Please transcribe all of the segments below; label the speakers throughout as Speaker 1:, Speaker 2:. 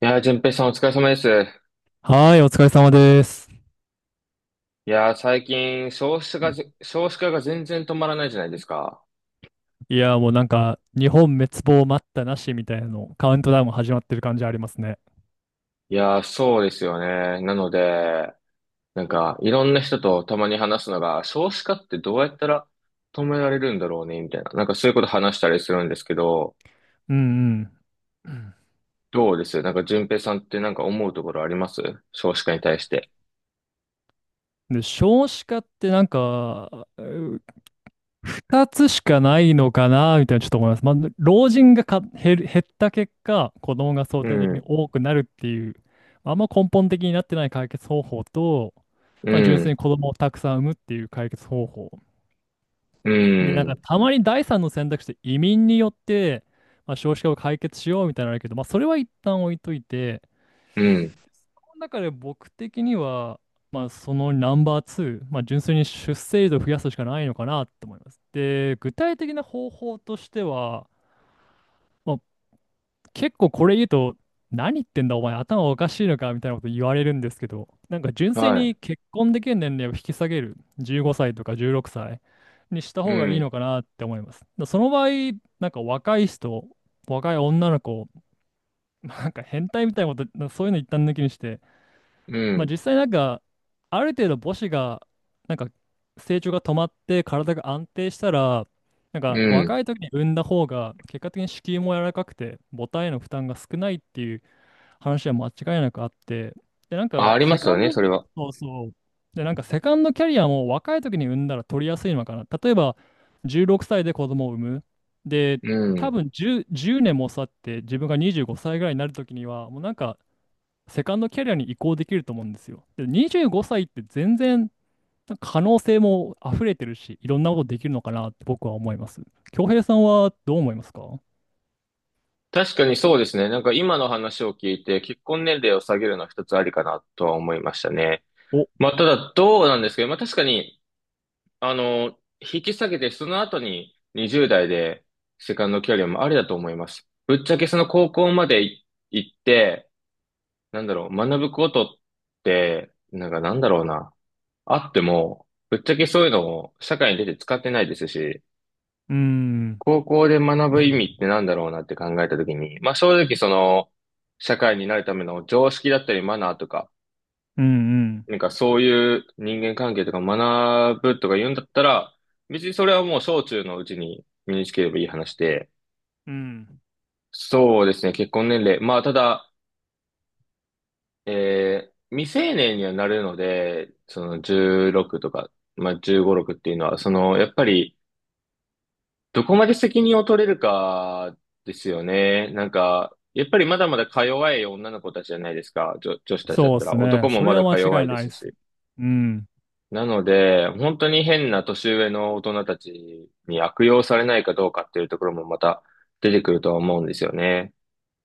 Speaker 1: 淳平さんお疲れ様です。
Speaker 2: はーい、お疲れ様です。
Speaker 1: 最近少子化が少子化が全然止まらないじゃないですか。
Speaker 2: いやー、もうなんか、日本滅亡待ったなしみたいなの、カウントダウン始まってる感じありますね。
Speaker 1: そうですよね。なので、いろんな人とたまに話すのが、少子化ってどうやったら止められるんだろうね、みたいな。なんかそういうこと話したりするんですけど、
Speaker 2: うんうん。
Speaker 1: どうですなんか淳平さんってなんか思うところあります少子化に対して。
Speaker 2: で、少子化ってなんか、二つしかないのかなみたいなちょっと思います。まあ、老人がか減る、減った結果、子供が相
Speaker 1: う
Speaker 2: 対的に
Speaker 1: ん、
Speaker 2: 多くなるっていう、まあんま根本的になってない解決方法と、
Speaker 1: う
Speaker 2: まあ、純粋に
Speaker 1: ん、
Speaker 2: 子供をたくさん産むっていう解決方法。
Speaker 1: う
Speaker 2: で、なんか
Speaker 1: ん、
Speaker 2: たまに第三の選択肢で移民によって、まあ、少子化を解決しようみたいなのあるけど、まあ、それは一旦置いといて、
Speaker 1: うん、
Speaker 2: この中で僕的には、まあ、そのナンバー2、まあ、純粋に出生率を増やすしかないのかなと思います。で、具体的な方法としては、まあ、結構これ言うと、何言ってんだお前頭おかしいのかみたいなこと言われるんですけど、なんか純粋
Speaker 1: はい、
Speaker 2: に結婚できる年齢を引き下げる、15歳とか16歳にした
Speaker 1: う
Speaker 2: 方がいい
Speaker 1: ん、
Speaker 2: のかなって思います。だその場合、なんか若い人、若い女の子、なんか変態みたいなこと、そういうの一旦抜きにして、
Speaker 1: う
Speaker 2: まあ
Speaker 1: ん、
Speaker 2: 実際なんか、ある程度母子が、なんか成長が止まって体が安定したら、なん
Speaker 1: う
Speaker 2: か
Speaker 1: ん。
Speaker 2: 若い時に産んだ方が結果的に子宮も柔らかくて母体への負担が少ないっていう話は間違いなくあって、で、なん
Speaker 1: あ、
Speaker 2: か、
Speaker 1: ありま
Speaker 2: セ
Speaker 1: す
Speaker 2: カ
Speaker 1: よ
Speaker 2: ン
Speaker 1: ね、
Speaker 2: ド、
Speaker 1: それは。
Speaker 2: そうそう。で、なんか、セカンドキャリアも若い時に産んだら取りやすいのかな。例えば、16歳で子供を産む。で、
Speaker 1: う
Speaker 2: 多
Speaker 1: ん、
Speaker 2: 分10、年も経って、自分が25歳ぐらいになる時には、もうなんか、セカンドキャリアに移行できると思うんですよ。で、25歳って全然、なんか可能性も溢れてるし、いろんなことできるのかなって僕は思います。恭平さんはどう思いますか？
Speaker 1: 確かにそうですね。なんか今の話を聞いて、結婚年齢を下げるのは一つありかなとは思いましたね。
Speaker 2: お、う
Speaker 1: まあ、ただどうなんですけど、まあ確かに、あの、引き下げてその後に20代でセカンドキャリアもありだと思います。ぶっちゃけその高校まで行って、なんだろう、学ぶことって、なんかなんだろうな、あっても、ぶっちゃけそういうのを社会に出て使ってないですし、
Speaker 2: ーん。
Speaker 1: 高校で学
Speaker 2: う
Speaker 1: ぶ意味
Speaker 2: ん
Speaker 1: ってなんだろうなって考えたときに、まあ正直その、社会になるための常識だったりマナーとか、
Speaker 2: うん。
Speaker 1: なんかそういう人間関係とか学ぶとか言うんだったら、別にそれはもう小中のうちに身につければいい話で、
Speaker 2: うん。
Speaker 1: そうですね、結婚年齢。まあただ、未成年にはなるので、その16とか、まあ15、6っていうのは、その、やっぱり、どこまで責任を取れるかですよね。なんか、やっぱりまだまだか弱い女の子たちじゃないですか。女子たちだっ
Speaker 2: そうっ
Speaker 1: た
Speaker 2: す
Speaker 1: ら。
Speaker 2: ね。
Speaker 1: 男も
Speaker 2: そ
Speaker 1: ま
Speaker 2: れは
Speaker 1: だか
Speaker 2: 間
Speaker 1: 弱
Speaker 2: 違い
Speaker 1: いで
Speaker 2: ないっ
Speaker 1: す
Speaker 2: す。
Speaker 1: し。
Speaker 2: うん。
Speaker 1: なので、本当に変な年上の大人たちに悪用されないかどうかっていうところもまた出てくるとは思うんですよね。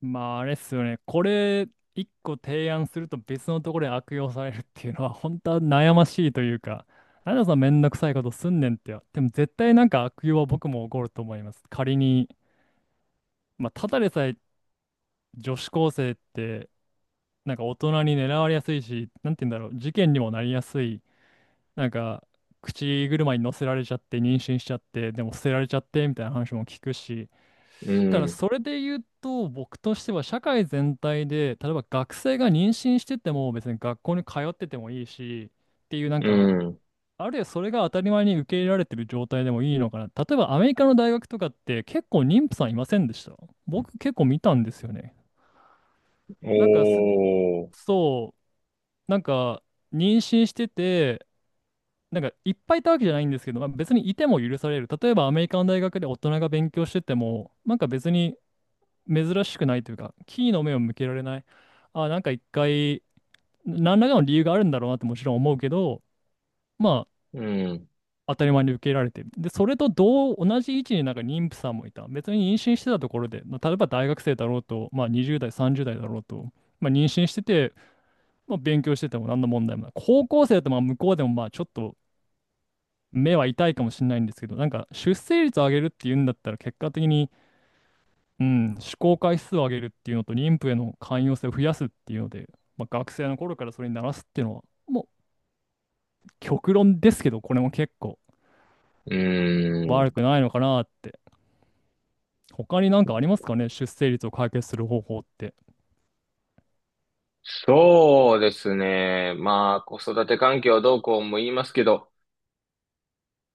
Speaker 2: まあ、あれっすよね。これ、一個提案すると別のところで悪用されるっていうのは、本当は悩ましいというか、なんでそんなめんどくさいことすんねんってでも絶対なんか悪用は僕も起こると思います。仮に、まあ、ただでさえ女子高生って、なんか大人に狙われやすいし、なんて言うんだろう、事件にもなりやすい、なんか、口車に乗せられちゃって、妊娠しちゃって、でも捨てられちゃって、みたいな話も聞くし、
Speaker 1: う
Speaker 2: ただ
Speaker 1: ん。
Speaker 2: それで言うと僕としては社会全体で、例えば学生が妊娠してても別に学校に通っててもいいし、っていうなん
Speaker 1: う
Speaker 2: か、
Speaker 1: ん。
Speaker 2: あるいはそれが当たり前に受け入れられてる状態でもいいのかな。例えばアメリカの大学とかって、結構妊婦さんいませんでした？僕結構見たんですよね。なんかす
Speaker 1: おー。
Speaker 2: そうなんか妊娠してて、なんかいっぱいいたわけじゃないんですけど、まあ、別にいても許される。例えばアメリカの大学で大人が勉強しててもなんか別に珍しくないというか、キーの目を向けられない。あ、なんか一回、何らかの理由があるんだろうなってもちろん思うけど、まあ、
Speaker 1: うん。
Speaker 2: 当たり前に受け入れられてる。で、それと同じ位置になんか妊婦さんもいた。別に妊娠してたところで、まあ例えば大学生だろうと、まあ20代、30代だろうと、まあ妊娠してて、まあ勉強してても何の問題もない。高校生だとまあ向こうでもまあちょっと目は痛いかもしれないんですけど、なんか出生率を上げるっていうんだったら結果的に、うん、試行回数を上げるっていうのと妊婦への寛容性を増やすっていうので、まあ、学生の頃からそれに慣らすっていうのはもう極論ですけど、これも結構
Speaker 1: う
Speaker 2: 悪
Speaker 1: ん。
Speaker 2: くないのかなって。他になんかありますかね、出生率を解決する方法って。
Speaker 1: そうですね。まあ、子育て環境どうこうも言いますけど、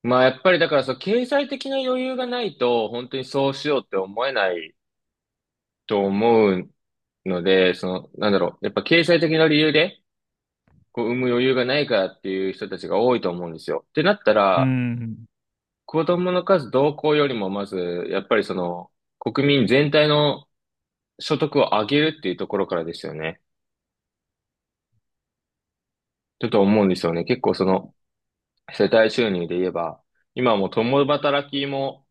Speaker 1: まあやっぱりだからそう、経済的な余裕がないと、本当にそうしようって思えないと思うので、その、なんだろう、やっぱ経済的な理由で、こう、産む余裕がないからっていう人たちが多いと思うんですよ。ってなった
Speaker 2: う
Speaker 1: ら、
Speaker 2: ん、うん、
Speaker 1: 子供の数同行よりも、まず、やっぱりその、国民全体の所得を上げるっていうところからですよね。ちょっと思うんですよね。結構その、世帯収入で言えば、今はもう共働きも、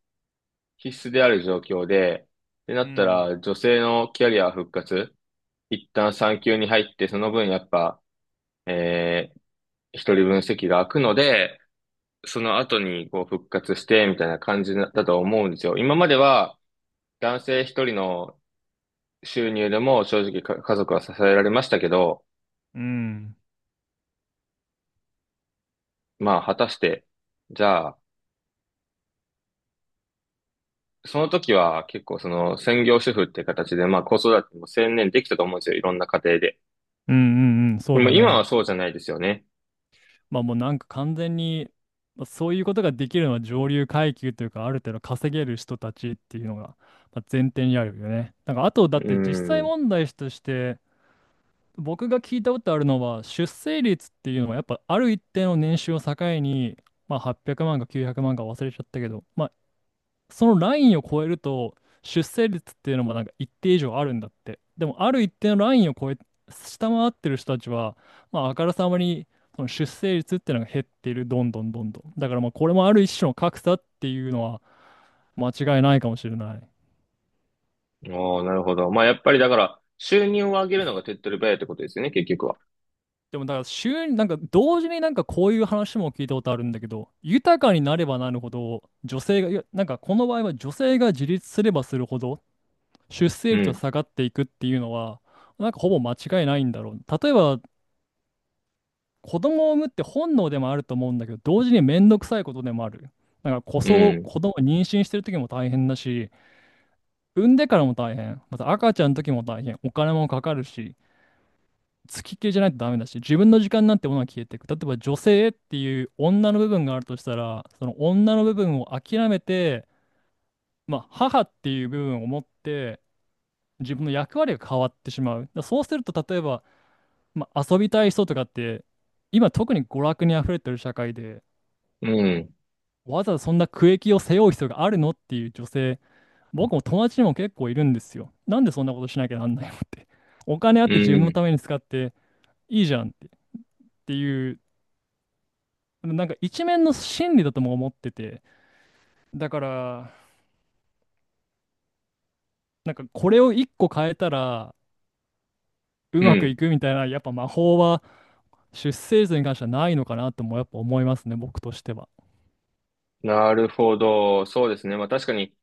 Speaker 1: 必須である状況で、ってな
Speaker 2: う
Speaker 1: った
Speaker 2: ん、
Speaker 1: ら、女性のキャリア復活、一旦産休に入って、その分やっぱ、えー、一人分席が空くので、その後にこう復活して、みたいな感じだと思うんですよ。今までは、男性一人の収入でも正直か家族は支えられましたけど、
Speaker 2: うん、
Speaker 1: まあ、果たして、じゃあ、その時は結構その専業主婦って形で、まあ子育ても専念できたと思うんですよ。いろんな家庭で。
Speaker 2: うん、うん、そ
Speaker 1: で
Speaker 2: う
Speaker 1: も
Speaker 2: だ
Speaker 1: 今
Speaker 2: ね。
Speaker 1: はそうじゃないですよね。
Speaker 2: まあもうなんか完全に、まあ、そういうことができるのは上流階級というかある程度稼げる人たちっていうのが、まあ、前提にあるよね。なんかあとだっ
Speaker 1: う
Speaker 2: て実際
Speaker 1: ん。
Speaker 2: 問題として、僕が聞いたことあるのは、出生率っていうのはやっぱある一定の年収を境に、まあ、800万か900万か忘れちゃったけど、まあ、そのラインを超えると、出生率っていうのもなんか一定以上あるんだって。でも、ある一定のラインを超え、下回ってる人たちは、まあ、あからさまに、その出生率っていうのが減っている、どんどんどんどん。だから、まあ、これもある一種の格差っていうのは、間違いないかもしれない。
Speaker 1: ああ、なるほど。まあ、やっぱりだから、収入を上げるのが手っ取り早いってことですよね、結局は。
Speaker 2: でもだから週になんか同時になんかこういう話も聞いたことあるんだけど、豊かになればなるほど女性が、いやなんかこの場合は女性が自立すればするほど出生
Speaker 1: う
Speaker 2: 率は
Speaker 1: ん。
Speaker 2: 下がっていくっていうのは、なんかほぼ間違いないんだろう。例えば、子供を産むって本能でもあると思うんだけど、同時にめんどくさいことでもある。なんかこ
Speaker 1: う
Speaker 2: そ、
Speaker 1: ん。
Speaker 2: 子供を妊娠してる時も大変だし、産んでからも大変、また赤ちゃんの時も大変、お金もかかるし、付きっきりじゃないとダメだし、自分の時間なんてものは消えていく。例えば女性っていう女の部分があるとしたら、その女の部分を諦めて、まあ、母っていう部分を持って、自分の役割が変わってしまう。だからそうすると、例えば、まあ、遊びたい人とかって、今特に娯楽に溢れてる社会で、
Speaker 1: うん。
Speaker 2: わざわざそんな苦役を背負う必要があるのっていう女性、僕も友達にも結構いるんですよ。なんでそんなことしなきゃなんないのって。お金あっ
Speaker 1: う
Speaker 2: て自分の
Speaker 1: ん。
Speaker 2: ために使っていいじゃんって、っていう、なんか一面の真理だとも思ってて、だから、なんかこれを一個変えたらう
Speaker 1: う
Speaker 2: まく
Speaker 1: ん。
Speaker 2: いくみたいな、やっぱ魔法は出生図に関してはないのかなとも、やっぱ思いますね、僕としては。
Speaker 1: なるほど。そうですね。まあ、確かに、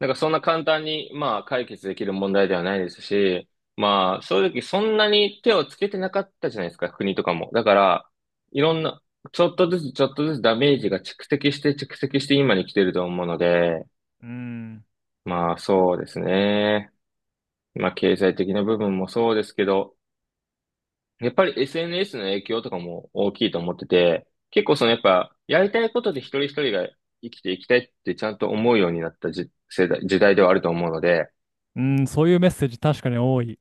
Speaker 1: なんかそんな簡単に、まあ、解決できる問題ではないですし、まあ、正直そんなに手をつけてなかったじゃないですか、国とかも。だから、いろんな、ちょっとずつちょっとずつダメージが蓄積して蓄積して今に来てると思うので、
Speaker 2: うん。
Speaker 1: まあ、そうですね。まあ、経済的な部分もそうですけど、やっぱり SNS の影響とかも大きいと思ってて、結構そのやっぱ、やりたいことで一人一人が生きていきたいってちゃんと思うようになった世代、時代ではあると思うので、
Speaker 2: うん、そういうメッセージ確かに多い。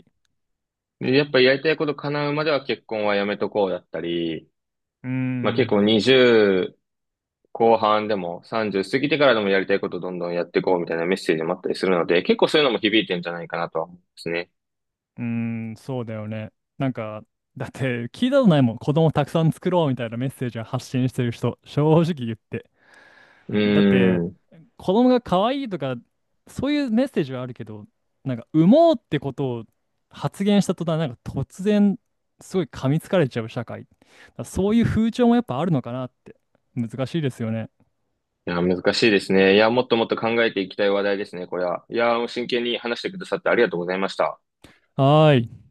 Speaker 1: でやっぱりやりたいこと叶うまでは結婚はやめとこうだったり、
Speaker 2: うー
Speaker 1: まあ
Speaker 2: ん、
Speaker 1: 結
Speaker 2: う
Speaker 1: 構20後半でも30過ぎてからでもやりたいことどんどんやっていこうみたいなメッセージもあったりするので、結構そういうのも響いてんじゃないかなとは思うんですね。
Speaker 2: ーん、そうだよね。なんか、だって聞いたことないもん。子供たくさん作ろうみたいなメッセージを発信してる人、正直言って。
Speaker 1: う
Speaker 2: だって、
Speaker 1: ーん。
Speaker 2: 子供が可愛いとか、そういうメッセージはあるけど、なんか、産もうってことを発言した途端、なんか突然、すごい噛みつかれちゃう社会。だからそういう風潮もやっぱあるのかなって。難しいですよね。
Speaker 1: いや、難しいですね。いや、もっともっと考えていきたい話題ですね、これは。いや、真剣に話してくださってありがとうございました。
Speaker 2: はーい。